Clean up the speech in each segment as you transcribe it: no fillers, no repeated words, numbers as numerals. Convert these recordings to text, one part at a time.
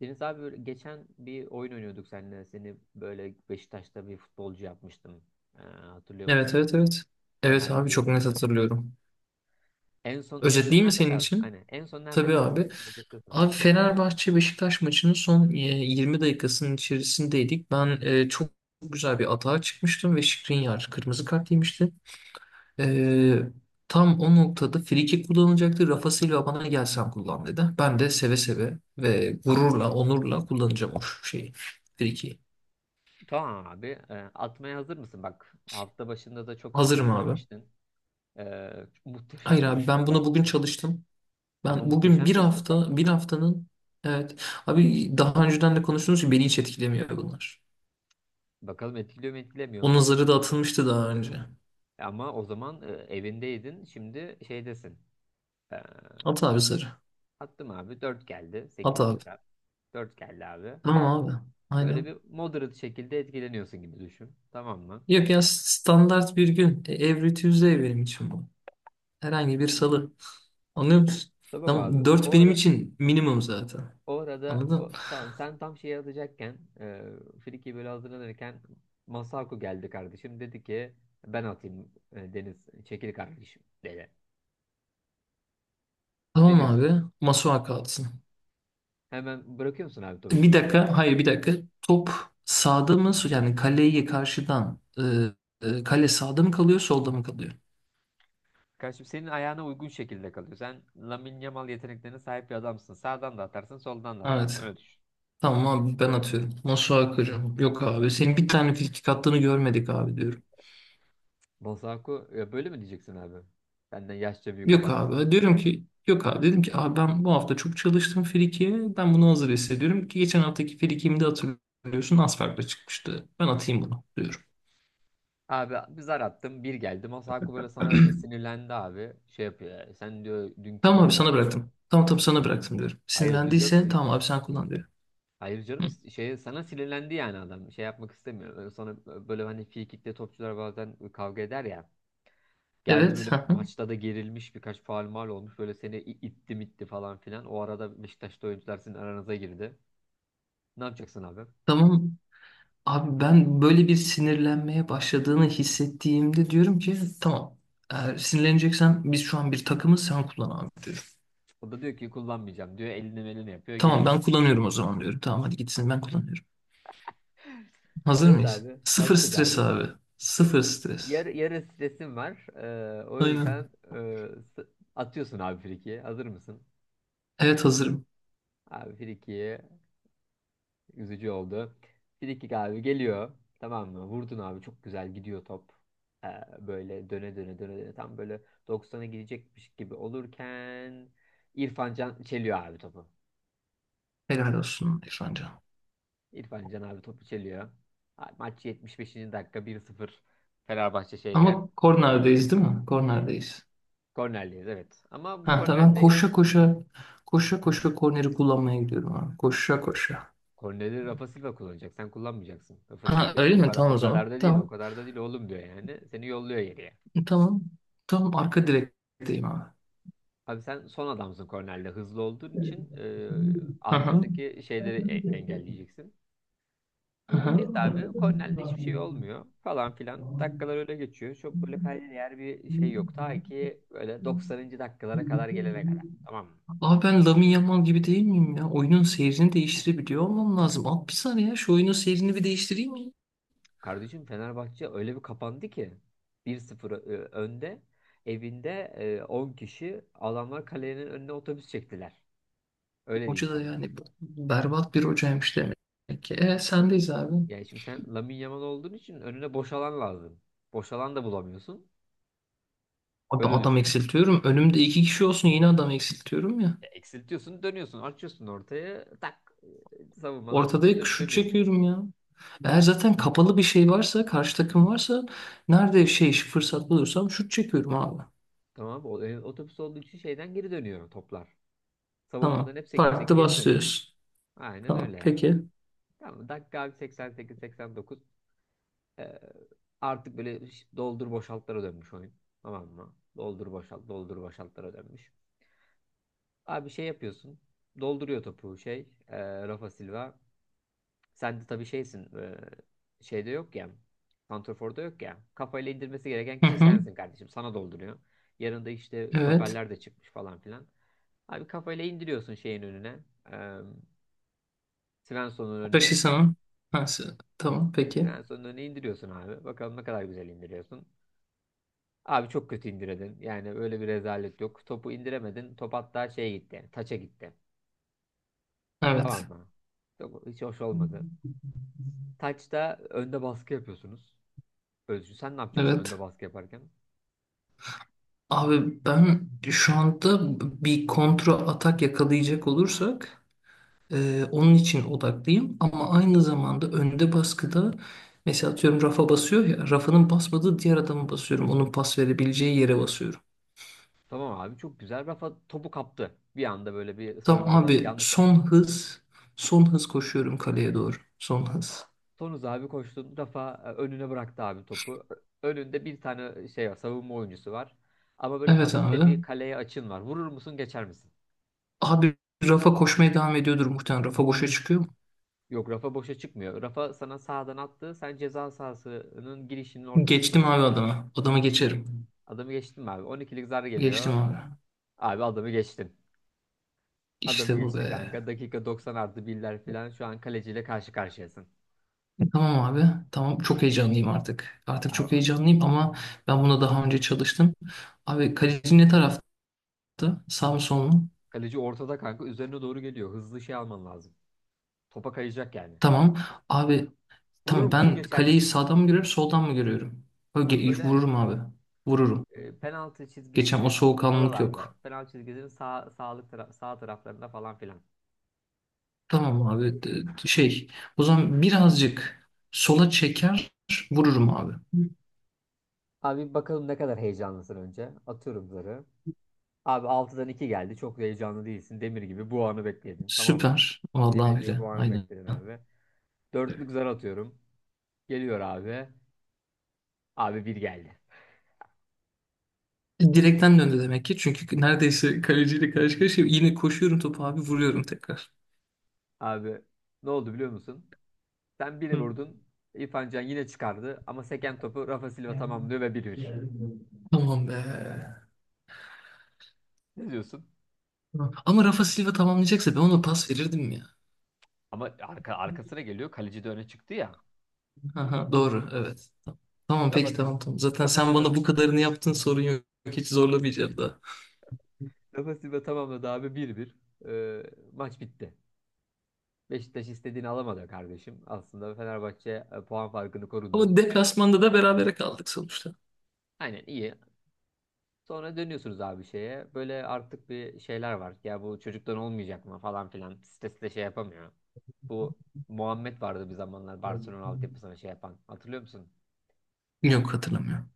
Deniz abi böyle geçen bir oyun oynuyorduk seninle. Seni böyle Beşiktaş'ta bir futbolcu yapmıştım. Hatırlıyor Evet musun? Böyle evet bir evet. Evet senaryo, abi çok dribbling net challenge. hatırlıyorum. En son, en son Özetleyeyim mi nerede senin kaldı? için? Hani en son nerede Tabii kaldık? abi. Özetle sana. Abi Fenerbahçe Beşiktaş maçının son 20 dakikasının içerisindeydik. Ben çok güzel bir atağa çıkmıştım ve Skriniar kırmızı kart yemişti. E, tam o noktada free kick kullanılacaktı. Rafa Silva bana gel sen kullan dedi. Ben de seve seve ve gururla, onurla kullanacağım o şeyi. Frikiği. Tamam abi. Atmaya hazır mısın? Bak hafta başında da çok Hazırım abi. streslenmiştin. Hayır Muhteşem bir abi ben ıslık var. bunu bugün çalıştım. Ama Ben bugün muhteşem bir bir ıslık var. hafta, bir haftanın evet abi, daha önceden de konuştuğumuz gibi beni hiç etkilemiyor bunlar. Bakalım etkiliyor mu etkilemiyor Onun mu? zarı da atılmıştı daha önce. Ama o zaman evindeydin. Şimdi şeydesin. Ee, At abi zarı. Attım abi. Dört geldi. At abi. 8'lik abi. Dört geldi abi. Tamam abi. Böyle Aynen. bir moderate şekilde etkileniyorsun gibi düşün. Tamam mı? Yok ya, standart bir gün. Every Tuesday benim için bu. Herhangi bir salı. Anlıyor musun? Tamam Tamam. abi. Dört benim için minimum zaten. O arada Anladın? Tamam, sen tam şeyi atacakken, Friki böyle hazırlanırken Masako geldi kardeşim. Dedi ki ben atayım Deniz. Çekil kardeşim dedi. Ne Tamam diyorsun? abi. Masuha kalsın. Hemen bırakıyor musun abi topu Bir Masako? dakika, hayır bir dakika. Top sağda mı? Yani kaleyi karşıdan kale sağda mı kalıyor, solda mı kalıyor? Kardeşim senin ayağına uygun şekilde kalıyor. Sen Lamine Yamal yeteneklerine sahip bir adamsın. Sağdan da atarsın, soldan da atarsın. Evet. Öyle düşün. Tamam abi ben atıyorum. Nasıl akıcım? Yok abi. Senin bir tane frikik attığını görmedik abi diyorum. Masako ya böyle mi diyeceksin abi? Benden yaşça büyük Yok adam. abi. Diyorum ki yok abi. Dedim ki abi ben bu hafta çok çalıştım frikiye. Ben bunu hazır hissediyorum ki geçen haftaki frikiğimi de hatırlıyorsun, az farkla çıkmıştı. Ben atayım bunu diyorum. Abi bir zar attım, bir geldi. Masako böyle sana sinirlendi abi. Şey yapıyor yani, sen diyor dünkü Tamam abi bebe, sana hayır. bıraktım. Tamam tamam, sana bıraktım diyorum. Hayır diyor Sinirlendiyse canım. tamam abi sen kullan diyorum. Hayır canım, Hı. Şey sana sinirlendi yani adam. Şey yapmak istemiyor. Böyle sana, böyle hani frikikte topçular bazen kavga eder ya. Geldi Evet. böyle, Hı hı. maçta da gerilmiş, birkaç faul mal olmuş. Böyle seni itti mitti falan filan. O arada Beşiktaş'ta oyuncular sizin aranıza girdi. Ne yapacaksın abi? Tamam. Abi ben böyle bir sinirlenmeye başladığını hissettiğimde diyorum ki tamam, eğer sinirleneceksen biz şu an bir takımız, sen kullan abi diyorum. O da diyor ki kullanmayacağım diyor. Elini melini yapıyor. Geri Tamam ben gitti. kullanıyorum o zaman diyorum. Tamam hadi gitsin, ben kullanıyorum. Hazır Evet mıyız? abi. Sıfır Hazırız stres abi. abi. Sıfır stres. Yarı stresim var. O yüzden Aynen. S- atıyorsun abi frikiyi. Hazır mısın? Evet hazırım. Abi frikiyi, üzücü oldu. Frikik abi geliyor. Tamam mı? Vurdun abi. Çok güzel gidiyor top. Ee, Böyle döne döne döne döne. Tam böyle 90'a gidecekmiş gibi olurken İrfan Can çeliyor abi topu. Helal olsun İrfancan. İrfan Can abi topu çeliyor. Ha, maç 75. dakika, 1-0 Fenerbahçe şeyde. Ama kornerdeyiz değil mi? Kornerdeyiz. Kornerliyiz evet. Ama bu Ha tamam, ben kornerde, koşa koşa koşa koşa korneri kullanmaya gidiyorum abi. Koşa koşa. kornerleri Rafa Silva kullanacak. Sen kullanmayacaksın. Rafa Silva Ha diyor ki öyle o mi? kadar, Tamam o o zaman. kadar da değil, o Tamam. kadar da değil oğlum diyor yani. Seni yolluyor geriye. Tamam. Tamam arka direkteyim abi. Abi sen son adamsın kornerde. Hızlı olduğun için Hı hı. arkadaki şeyleri engelleyeceksin. Hı hı. Neyse abi kornerde hiçbir şey olmuyor falan filan. Dakikalar öyle geçiyor. Çok böyle kayda değer bir şey yok. Ta ki böyle 90. dakikalara kadar gelene kadar. Tamam mı? Abi ben Lamine Yamal gibi değil miyim ya? Oyunun seyrini değiştirebiliyor olmam lazım. Al bir saniye ya, şu oyunun seyrini bir değiştireyim mi? Kardeşim Fenerbahçe öyle bir kapandı ki, 1-0 önde, evinde, 10 kişi, adamlar kalenin önüne otobüs çektiler. Öyle diyeyim Hoca da sana. yani berbat bir hocaymış demek ki. Sendeyiz abi. Yani şimdi sen Lamine Yamal olduğun için önüne boş alan lazım. Boş alan da bulamıyorsun. Adam, Öyle adam düşün. eksiltiyorum. Önümde iki kişi olsun yine adam eksiltiyorum ya. Ya eksiltiyorsun, dönüyorsun, açıyorsun ortaya, tak, savunmadan Ortada şut dönüyor. çekiyorum ya. Eğer zaten kapalı bir şey varsa, karşı takım varsa, nerede şey fırsat bulursam şut çekiyorum abi. Tamam, otobüs olduğu için şeyden geri dönüyor toplar. Savunmadan Tamam. hep sekip sekip Farklı geri dönüyor. basıyoruz. Aynen Tamam. öyle yani. Peki. Tamam, dakika 88-89. Ee, Artık böyle doldur boşaltlara dönmüş oyun. Tamam mı? Doldur boşalt, doldur boşaltlara dönmüş. Abi şey yapıyorsun. Dolduruyor topu şey. Rafa Silva. Sen de tabii şeysin. Şeyde yok ya. Santrafor'da yok ya. Kafayla indirmesi gereken Hı kişi hı. sensin kardeşim. Sana dolduruyor. Yanında işte Evet. stoperler de çıkmış falan filan. Abi kafayla indiriyorsun şeyin önüne. E, Svensson'un önüne. Başı sana. Ha, tamam. Peki. Svensson'un önüne indiriyorsun abi. Bakalım ne kadar güzel indiriyorsun. Abi çok kötü indirdin. Yani öyle bir rezalet yok. Topu indiremedin. Top hatta şeye gitti. Yani, taça gitti. Tamam Evet. mı? Çok, hiç hoş olmadı. Taçta önde baskı yapıyorsunuz. Özgür sen ne yapacaksın Evet. önde baskı yaparken? Abi ben şu anda bir kontra atak yakalayacak olursak onun için odaklıyım, ama aynı zamanda önde baskıda mesela atıyorum rafa basıyor ya, rafanın basmadığı diğer adamı basıyorum. Onun pas verebileceği yere basıyorum. Tamam abi çok güzel. Rafa topu kaptı. Bir anda böyle bir Tamam savunmada abi yanlış. son hız. Son hız koşuyorum kaleye doğru. Son hız. Tonuz abi koştun. Rafa önüne bıraktı abi topu. Önünde bir tane şey var. Savunma oyuncusu var. Ama böyle Evet hafif de abi. bir kaleye açın var. Vurur musun, geçer misin? Abi Rafa koşmaya devam ediyordur muhtemelen. Rafa boşa çıkıyor mu? Yok, Rafa boşa çıkmıyor. Rafa sana sağdan attı. Sen ceza sahasının girişinin Geçtim abi ortasındasın. adama. Adama geçerim. Adamı geçtin mi abi? 12'lik zar geliyor. Geçtim abi. Abi adamı geçtin. Adamı İşte bu geçtin be. kanka. Dakika 90 artı birler falan. Şu an kaleciyle karşı karşıyasın. Tamam abi. Tamam çok heyecanlıyım artık. Artık çok Ya, heyecanlıyım, ama ben buna daha önce çalıştım. Abi kaleci ne tarafta? Sağ mı sol mu? kaleci ortada kanka. Üzerine doğru geliyor. Hızlı şey alman lazım. Topa kayacak yani. Tamam. Abi Vurur tamam, musun, ben geçer kaleyi misin? sağdan mı görüyorum soldan mı görüyorum? Ö, Tam böyle Vururum abi. Vururum. Penaltı Geçen o çizgisinin soğukkanlılık oralarda. yok. Penaltı çizgisinin sağ taraflarında falan filan. Tamam abi şey, o zaman birazcık sola çeker vururum abi. Abi bakalım ne kadar heyecanlısın önce. Atıyorum zarı. Abi altıdan 2 geldi. Çok da heyecanlı değilsin. Demir gibi bu anı bekledin. Tamam mı? Süper. Demir Vallahi gibi öyle. bu anı Aynen. bekledin abi. Dörtlük zar atıyorum. Geliyor abi. Abi bir geldi. Direkten döndü demek ki. Çünkü neredeyse kaleciyle karşı karşıya yine koşuyorum, topu abi vuruyorum tekrar. Abi ne oldu biliyor musun? Sen biri Hı. vurdun. İrfan Can yine çıkardı. Ama seken topu Rafa Silva tamamlıyor ve bir bir. Tamam be. Ne diyorsun? Hı. Ama Rafa Silva tamamlayacaksa ben ona pas verirdim ya. Ama arkasına geliyor. Kaleci de öne çıktı ya. Aha, doğru evet. Tamam Rafa peki, Silva. tamam tamam. Zaten Rafa sen Silva. bana bu kadarını yaptın, sorun yok. Hiç zorlamayacağım daha. Rafa Silva tamamladı abi, bir bir. Ee, Maç bitti. Beşiktaş istediğini alamadı kardeşim. Aslında Fenerbahçe puan farkını korudu. Ama deplasmanda da berabere kaldık sonuçta. Aynen, iyi. Sonra dönüyorsunuz abi şeye. Böyle artık bir şeyler var. Ya bu çocuktan olmayacak mı falan filan. Sitesi de şey yapamıyor. Bu Muhammed vardı bir zamanlar, Barcelona altyapısına şey yapan. Hatırlıyor musun? Yok hatırlamıyorum.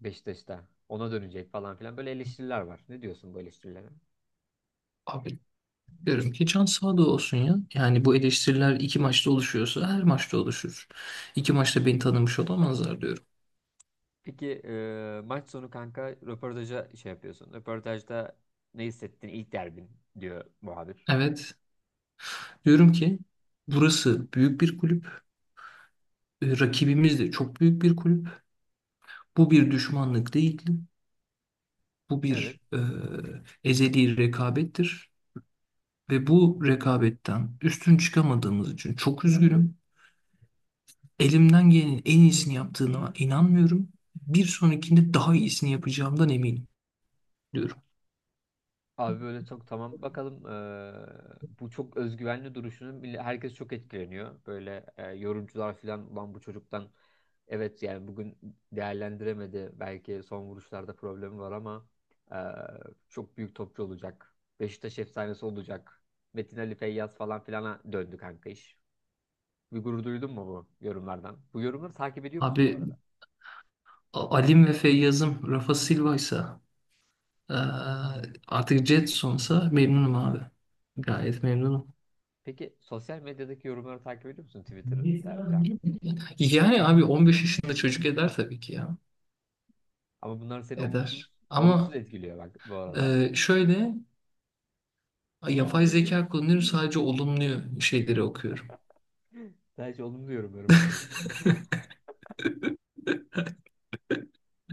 Beşiktaş'ta. Ona dönecek falan filan. Böyle eleştiriler var. Ne diyorsun bu eleştirilere? Abi diyorum ki can sağda olsun ya. Yani bu eleştiriler iki maçta oluşuyorsa her maçta oluşur. İki maçta beni tanımış olamazlar diyorum. Peki maç sonu kanka röportaja şey yapıyorsun. Röportajda ne hissettin ilk derbin diyor muhabir. Evet. Diyorum ki burası büyük bir kulüp. E, Rakibimiz de çok büyük bir kulüp. Bu bir düşmanlık değildi. Bu Evet. bir e, ezeli rekabettir. Ve bu rekabetten üstün çıkamadığımız için çok üzgünüm. Elimden gelenin en iyisini yaptığına inanmıyorum. Bir sonrakinde daha iyisini yapacağımdan eminim diyorum. Abi böyle çok tamam. Bakalım, bu çok özgüvenli duruşunun bile herkes çok etkileniyor. Böyle yorumcular falan, ulan bu çocuktan, evet yani bugün değerlendiremedi. Belki son vuruşlarda problemi var ama eee, çok büyük topçu olacak. Beşiktaş efsanesi olacak. Metin Ali Feyyaz falan filana döndü kanka iş. Bir gurur duydun mu bu yorumlardan? Bu yorumları takip ediyor musun bu arada? Abi Alim ve Feyyaz'ım Rafa Silva'ysa eee, artık Jetson'sa memnunum abi. Gayet memnunum. Peki sosyal medyadaki yorumları takip ediyor musun? Twitter'da falan. Yani abi 15 yaşında çocuk eder tabii ki ya. Ama bunlar seni Eder. Olumsuz Ama etkiliyor bak bu arada. Şöyle, yapay zeka kullanıyorum, sadece olumlu şeyleri okuyorum. Ben hiç olumlu yorumlarım okuyorum.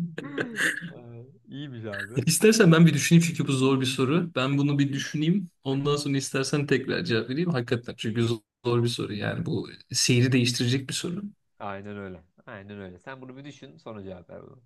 İyiymiş abi. İstersen ben bir düşüneyim, çünkü bu zor bir soru. Ben bunu bir düşüneyim. Ondan sonra istersen tekrar cevap vereyim. Hakikaten, çünkü zor bir soru, yani bu seyri değiştirecek bir soru. Aynen öyle. Aynen öyle. Sen bunu bir düşün, sonra cevap ver bana.